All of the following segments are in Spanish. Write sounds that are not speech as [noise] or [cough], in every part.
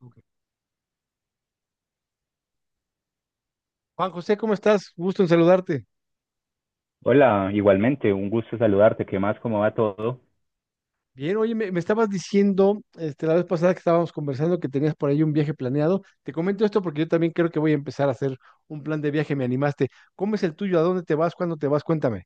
Ok. Juan José, ¿cómo estás? Gusto en saludarte. Hola, igualmente, un gusto saludarte. ¿Qué más? ¿Cómo va todo? Bien, oye, me estabas diciendo la vez pasada que estábamos conversando que tenías por ahí un viaje planeado. Te comento esto porque yo también creo que voy a empezar a hacer un plan de viaje, me animaste. ¿Cómo es el tuyo? ¿A dónde te vas? ¿Cuándo te vas? Cuéntame.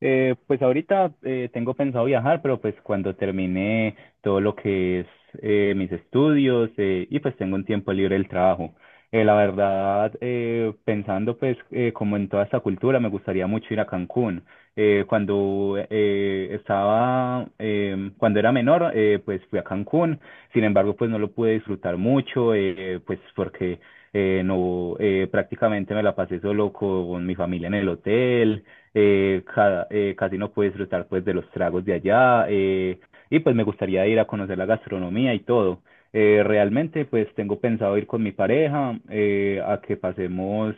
Pues ahorita tengo pensado viajar, pero pues cuando termine todo lo que es mis estudios y pues tengo un tiempo libre del trabajo. La verdad, pensando pues como en toda esta cultura, me gustaría mucho ir a Cancún. Cuando cuando era menor, pues fui a Cancún. Sin embargo, pues no lo pude disfrutar mucho, pues porque no, prácticamente me la pasé solo con mi familia en el hotel casi no pude disfrutar pues de los tragos de allá, y pues me gustaría ir a conocer la gastronomía y todo. Realmente pues tengo pensado ir con mi pareja a que pasemos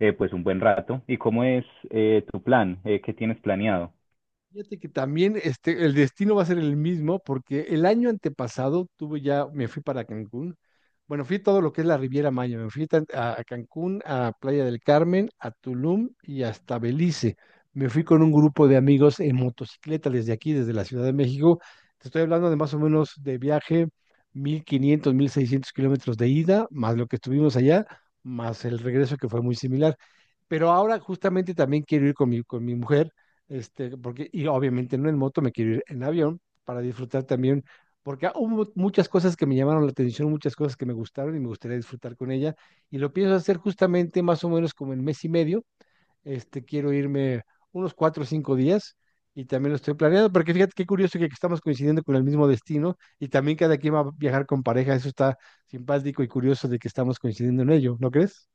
pues un buen rato. ¿Y cómo es tu plan? ¿Qué tienes planeado? Fíjate que también el destino va a ser el mismo porque el año antepasado tuve ya, me fui para Cancún. Bueno, fui todo lo que es la Riviera Maya. Me fui a Cancún, a Playa del Carmen, a Tulum y hasta Belice. Me fui con un grupo de amigos en motocicleta desde aquí, desde la Ciudad de México. Te estoy hablando de más o menos de viaje 1500 1600 km de ida, más lo que estuvimos allá, más el regreso que fue muy similar, pero ahora justamente también quiero ir con con mi mujer, porque, y obviamente no en moto, me quiero ir en avión para disfrutar también, porque hubo muchas cosas que me llamaron la atención, muchas cosas que me gustaron y me gustaría disfrutar con ella, y lo pienso hacer justamente más o menos como en mes y medio, quiero irme unos 4 o 5 días. Y también lo estoy planeando, porque fíjate qué curioso que estamos coincidiendo con el mismo destino y también cada quien va a viajar con pareja. Eso está simpático y curioso de que estamos coincidiendo en ello, ¿no crees?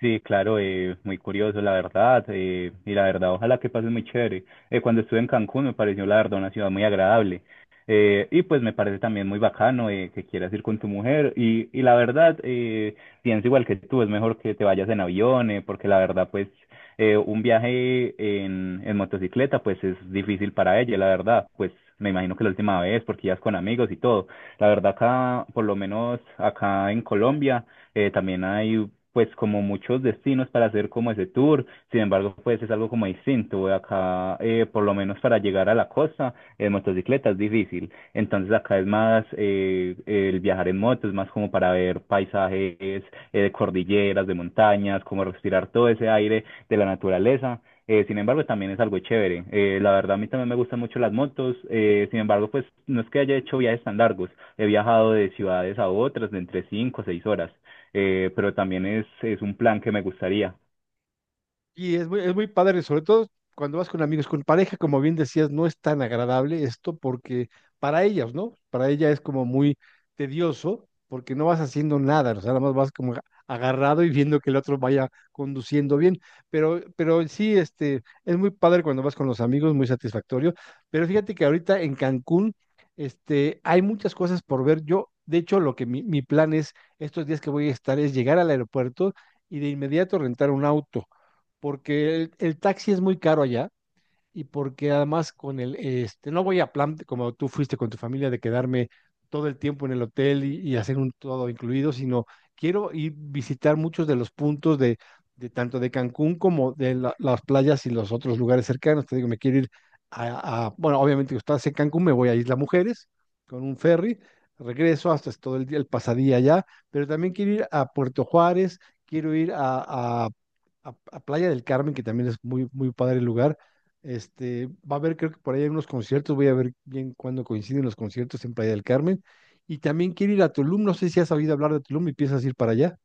Sí, claro, muy curioso, la verdad, y la verdad, ojalá que pase muy chévere. Cuando estuve en Cancún me pareció, la verdad, una ciudad muy agradable. Y pues me parece también muy bacano que quieras ir con tu mujer. Y la verdad, pienso igual que tú, es mejor que te vayas en avión, porque la verdad, pues un viaje en motocicleta, pues es difícil para ella, la verdad, pues me imagino que la última vez, porque ya es con amigos y todo. La verdad, acá, por lo menos acá en Colombia, también hay pues como muchos destinos para hacer como ese tour, sin embargo pues es algo como distinto, acá por lo menos para llegar a la costa en motocicleta es difícil, entonces acá es más el viajar en moto, es más como para ver paisajes de cordilleras, de montañas, como respirar todo ese aire de la naturaleza. Sin embargo, también es algo chévere. La verdad, a mí también me gustan mucho las motos. Sin embargo, pues no es que haya hecho viajes tan largos. He viajado de ciudades a otras de entre cinco o seis horas, pero también es un plan que me gustaría. Y es es muy padre, sobre todo cuando vas con amigos, con pareja, como bien decías. No es tan agradable esto porque para ellas, ¿no? Para ella es como muy tedioso porque no vas haciendo nada, o sea, nada más vas como agarrado y viendo que el otro vaya conduciendo bien, pero sí, es muy padre cuando vas con los amigos, muy satisfactorio, pero fíjate que ahorita en Cancún, hay muchas cosas por ver. Yo, de hecho, lo que mi plan es, estos días que voy a estar, es llegar al aeropuerto y de inmediato rentar un auto porque el taxi es muy caro allá, y porque además con el, no voy a plan, como tú fuiste con tu familia, de quedarme todo el tiempo en el hotel y hacer un todo incluido, sino quiero ir visitar muchos de los puntos de tanto de Cancún como de las playas y los otros lugares cercanos. Te digo, me quiero ir a, bueno, obviamente estás en Cancún, me voy a Isla Mujeres con un ferry, regreso hasta todo el día, el pasadía allá, pero también quiero ir a Puerto Juárez, quiero ir a, a Playa del Carmen, que también es muy padre el lugar. Va a haber, creo que por ahí hay unos conciertos, voy a ver bien cuándo coinciden los conciertos en Playa del Carmen. Y también quiero ir a Tulum, no sé si has oído hablar de Tulum y piensas ir para allá.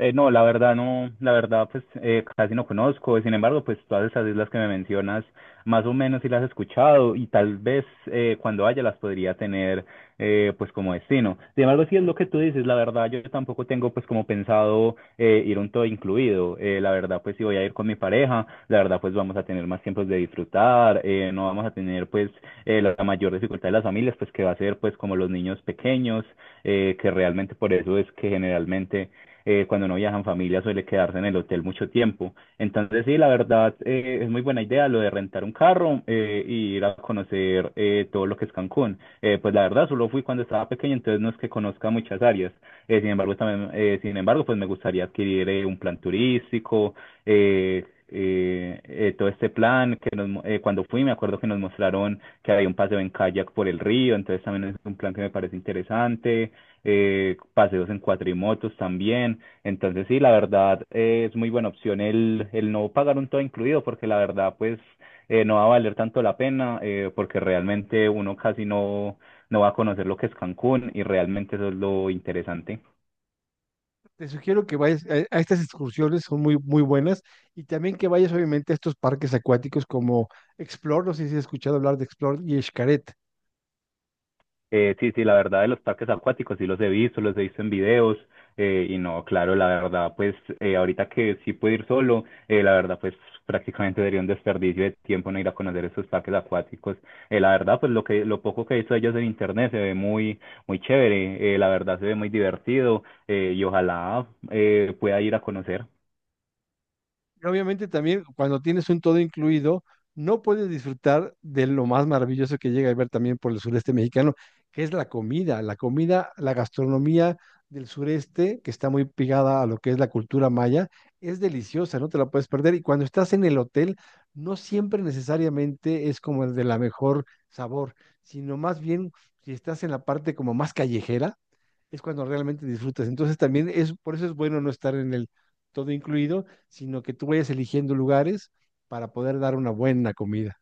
No, la verdad no, la verdad pues casi no conozco, sin embargo pues todas esas islas que me mencionas más o menos sí las he escuchado y tal vez cuando haya las podría tener pues como destino. Sin embargo sí es lo que tú dices, la verdad yo tampoco tengo pues como pensado ir un todo incluido. La verdad pues si voy a ir con mi pareja, la verdad pues vamos a tener más tiempos de disfrutar, no vamos a tener pues la mayor dificultad de las familias pues que va a ser pues como los niños pequeños, que realmente por eso es que generalmente cuando no viajan familia suele quedarse en el hotel mucho tiempo. Entonces sí, la verdad es muy buena idea lo de rentar un carro y ir a conocer todo lo que es Cancún. Pues la verdad solo fui cuando estaba pequeño, entonces no es que conozca muchas áreas. Sin embargo, pues me gustaría adquirir un plan turístico. Todo este plan que cuando fui me acuerdo que nos mostraron que había un paseo en kayak por el río, entonces también es un plan que me parece interesante, paseos en cuatrimotos también, entonces sí, la verdad es muy buena opción el no pagar un todo incluido porque la verdad pues no va a valer tanto la pena porque realmente uno casi no, no va a conocer lo que es Cancún y realmente eso es lo interesante. Te sugiero que vayas a estas excursiones, son muy buenas. Y también que vayas, obviamente, a estos parques acuáticos como Explore, no sé si has escuchado hablar de Explore y Xcaret. Sí, sí, la verdad de los parques acuáticos sí los he visto en videos, y no, claro, la verdad pues ahorita que sí puedo ir solo, la verdad pues prácticamente sería un desperdicio de tiempo no ir a conocer esos parques acuáticos. La verdad pues lo que lo poco que he visto de ellos en internet se ve muy muy chévere, la verdad se ve muy divertido, y ojalá pueda ir a conocer. Y obviamente también cuando tienes un todo incluido, no puedes disfrutar de lo más maravilloso que llega a ver también por el sureste mexicano, que es la comida, la comida, la gastronomía del sureste, que está muy pegada a lo que es la cultura maya, es deliciosa, no te la puedes perder. Y cuando estás en el hotel, no siempre necesariamente es como el de la mejor sabor, sino más bien si estás en la parte como más callejera es cuando realmente disfrutas. Entonces también es, por eso es bueno no estar en el todo incluido, sino que tú vayas eligiendo lugares para poder dar una buena comida.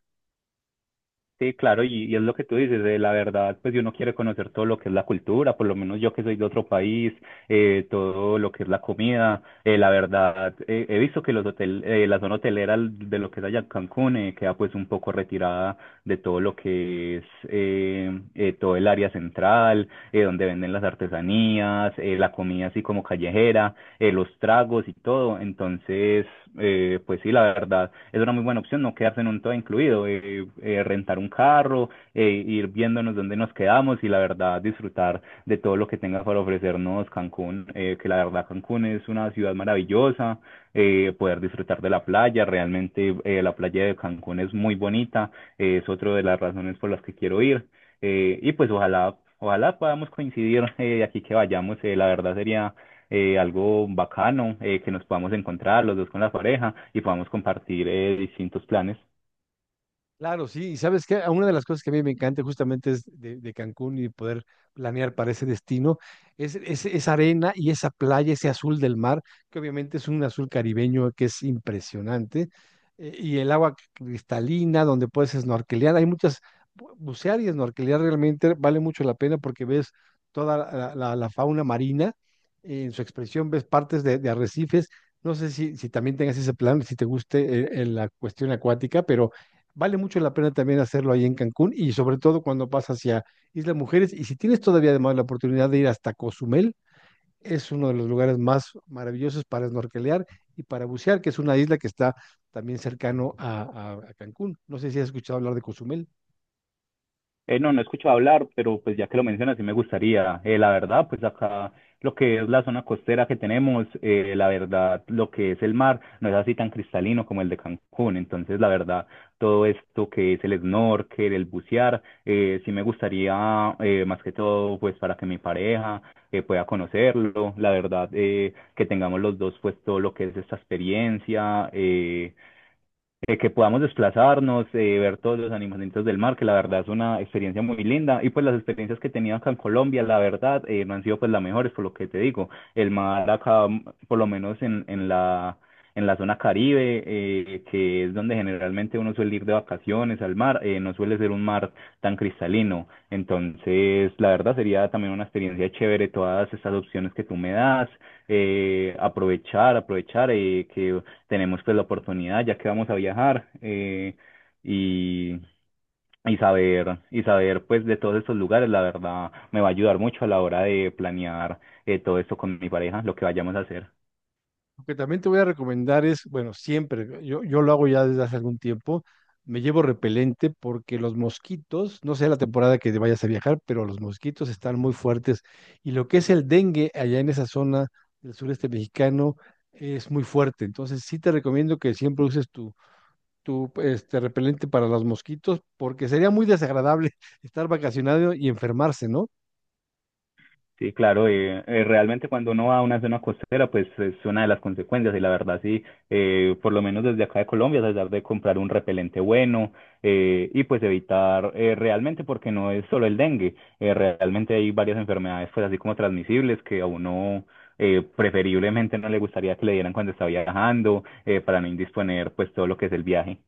Sí, claro, y es lo que tú dices, la verdad, pues si uno quiere conocer todo lo que es la cultura, por lo menos yo que soy de otro país, todo lo que es la comida, la verdad, he visto que los hotel, la zona hotelera de lo que es allá Cancún queda pues un poco retirada de todo lo que es todo el área central, donde venden las artesanías, la comida así como callejera, los tragos y todo, entonces pues sí, la verdad, es una muy buena opción no quedarse en un todo incluido, rentar un carro, ir viéndonos dónde nos quedamos y la verdad disfrutar de todo lo que tenga para ofrecernos Cancún, que la verdad Cancún es una ciudad maravillosa, poder disfrutar de la playa, realmente la playa de Cancún es muy bonita, es otra de las razones por las que quiero ir, y pues ojalá, ojalá podamos coincidir de aquí que vayamos. La verdad sería algo bacano, que nos podamos encontrar los dos con la pareja y podamos compartir distintos planes. Claro, sí, y sabes que una de las cosas que a mí me encanta justamente es de Cancún y poder planear para ese destino, es, esa arena y esa playa, ese azul del mar, que obviamente es un azul caribeño que es impresionante, y el agua cristalina donde puedes snorkelear, hay muchas, bucear y snorkelear realmente vale mucho la pena porque ves toda la fauna marina, en su expresión ves partes de arrecifes, no sé si también tengas ese plan, si te guste la cuestión acuática, pero... Vale mucho la pena también hacerlo ahí en Cancún, y sobre todo cuando vas hacia Isla Mujeres. Y si tienes todavía además la oportunidad de ir hasta Cozumel, es uno de los lugares más maravillosos para snorkelear y para bucear, que es una isla que está también cercano a, a Cancún. No sé si has escuchado hablar de Cozumel. No, no he escuchado hablar, pero pues ya que lo mencionas, sí me gustaría. La verdad, pues acá lo que es la zona costera que tenemos, la verdad, lo que es el mar no es así tan cristalino como el de Cancún. Entonces, la verdad, todo esto que es el snorkel, el bucear, sí me gustaría, más que todo, pues para que mi pareja pueda conocerlo. La verdad, que tengamos los dos, pues todo lo que es esta experiencia. Que podamos desplazarnos, ver todos los animalitos del mar, que la verdad es una experiencia muy linda. Y pues las experiencias que he tenido acá en Colombia, la verdad, no han sido pues las mejores, por lo que te digo. El mar acá, por lo menos en la zona Caribe, que es donde generalmente uno suele ir de vacaciones al mar, no suele ser un mar tan cristalino. Entonces, la verdad sería también una experiencia chévere todas estas opciones que tú me das, aprovechar, aprovechar, que tenemos pues la oportunidad, ya que vamos a viajar, y, y saber pues de todos estos lugares, la verdad, me va a ayudar mucho a la hora de planear todo esto con mi pareja, lo que vayamos a hacer. Lo que también te voy a recomendar es, bueno, siempre, yo lo hago ya desde hace algún tiempo, me llevo repelente porque los mosquitos, no sé la temporada que vayas a viajar, pero los mosquitos están muy fuertes, y lo que es el dengue allá en esa zona del sureste mexicano es muy fuerte. Entonces sí te recomiendo que siempre uses tu repelente para los mosquitos, porque sería muy desagradable [laughs] estar vacacionado y enfermarse, ¿no? Sí, claro, realmente cuando uno va a una zona costera, pues es una de las consecuencias y la verdad sí, por lo menos desde acá de Colombia, tratar de comprar un repelente bueno, y pues evitar realmente, porque no es solo el dengue, realmente hay varias enfermedades pues así como transmisibles que a uno preferiblemente no le gustaría que le dieran cuando está viajando para no indisponer pues todo lo que es el viaje.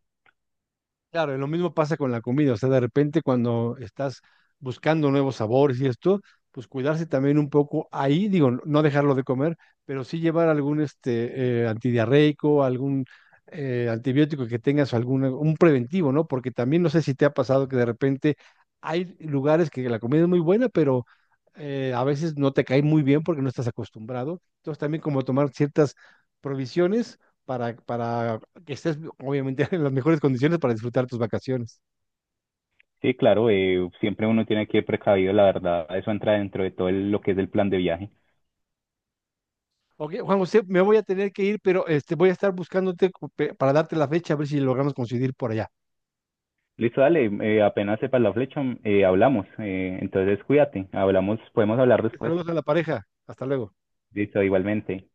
Claro, y lo mismo pasa con la comida, o sea, de repente cuando estás buscando nuevos sabores y esto, pues cuidarse también un poco ahí, digo, no dejarlo de comer, pero sí llevar algún antidiarreico, algún antibiótico que tengas, algún un preventivo, ¿no? Porque también no sé si te ha pasado que de repente hay lugares que la comida es muy buena, pero a veces no te cae muy bien porque no estás acostumbrado. Entonces también como tomar ciertas provisiones para que estés obviamente en las mejores condiciones para disfrutar tus vacaciones. Sí, claro, siempre uno tiene que ir precavido, la verdad, eso entra dentro de todo el- lo que es el plan de viaje. Ok, Juan José, me voy a tener que ir, pero voy a estar buscándote para darte la fecha, a ver si logramos coincidir por allá. Listo, dale, apenas sepas la flecha, hablamos. Entonces cuídate, hablamos, podemos hablar después. Saludos a la pareja. Hasta luego. Listo, igualmente.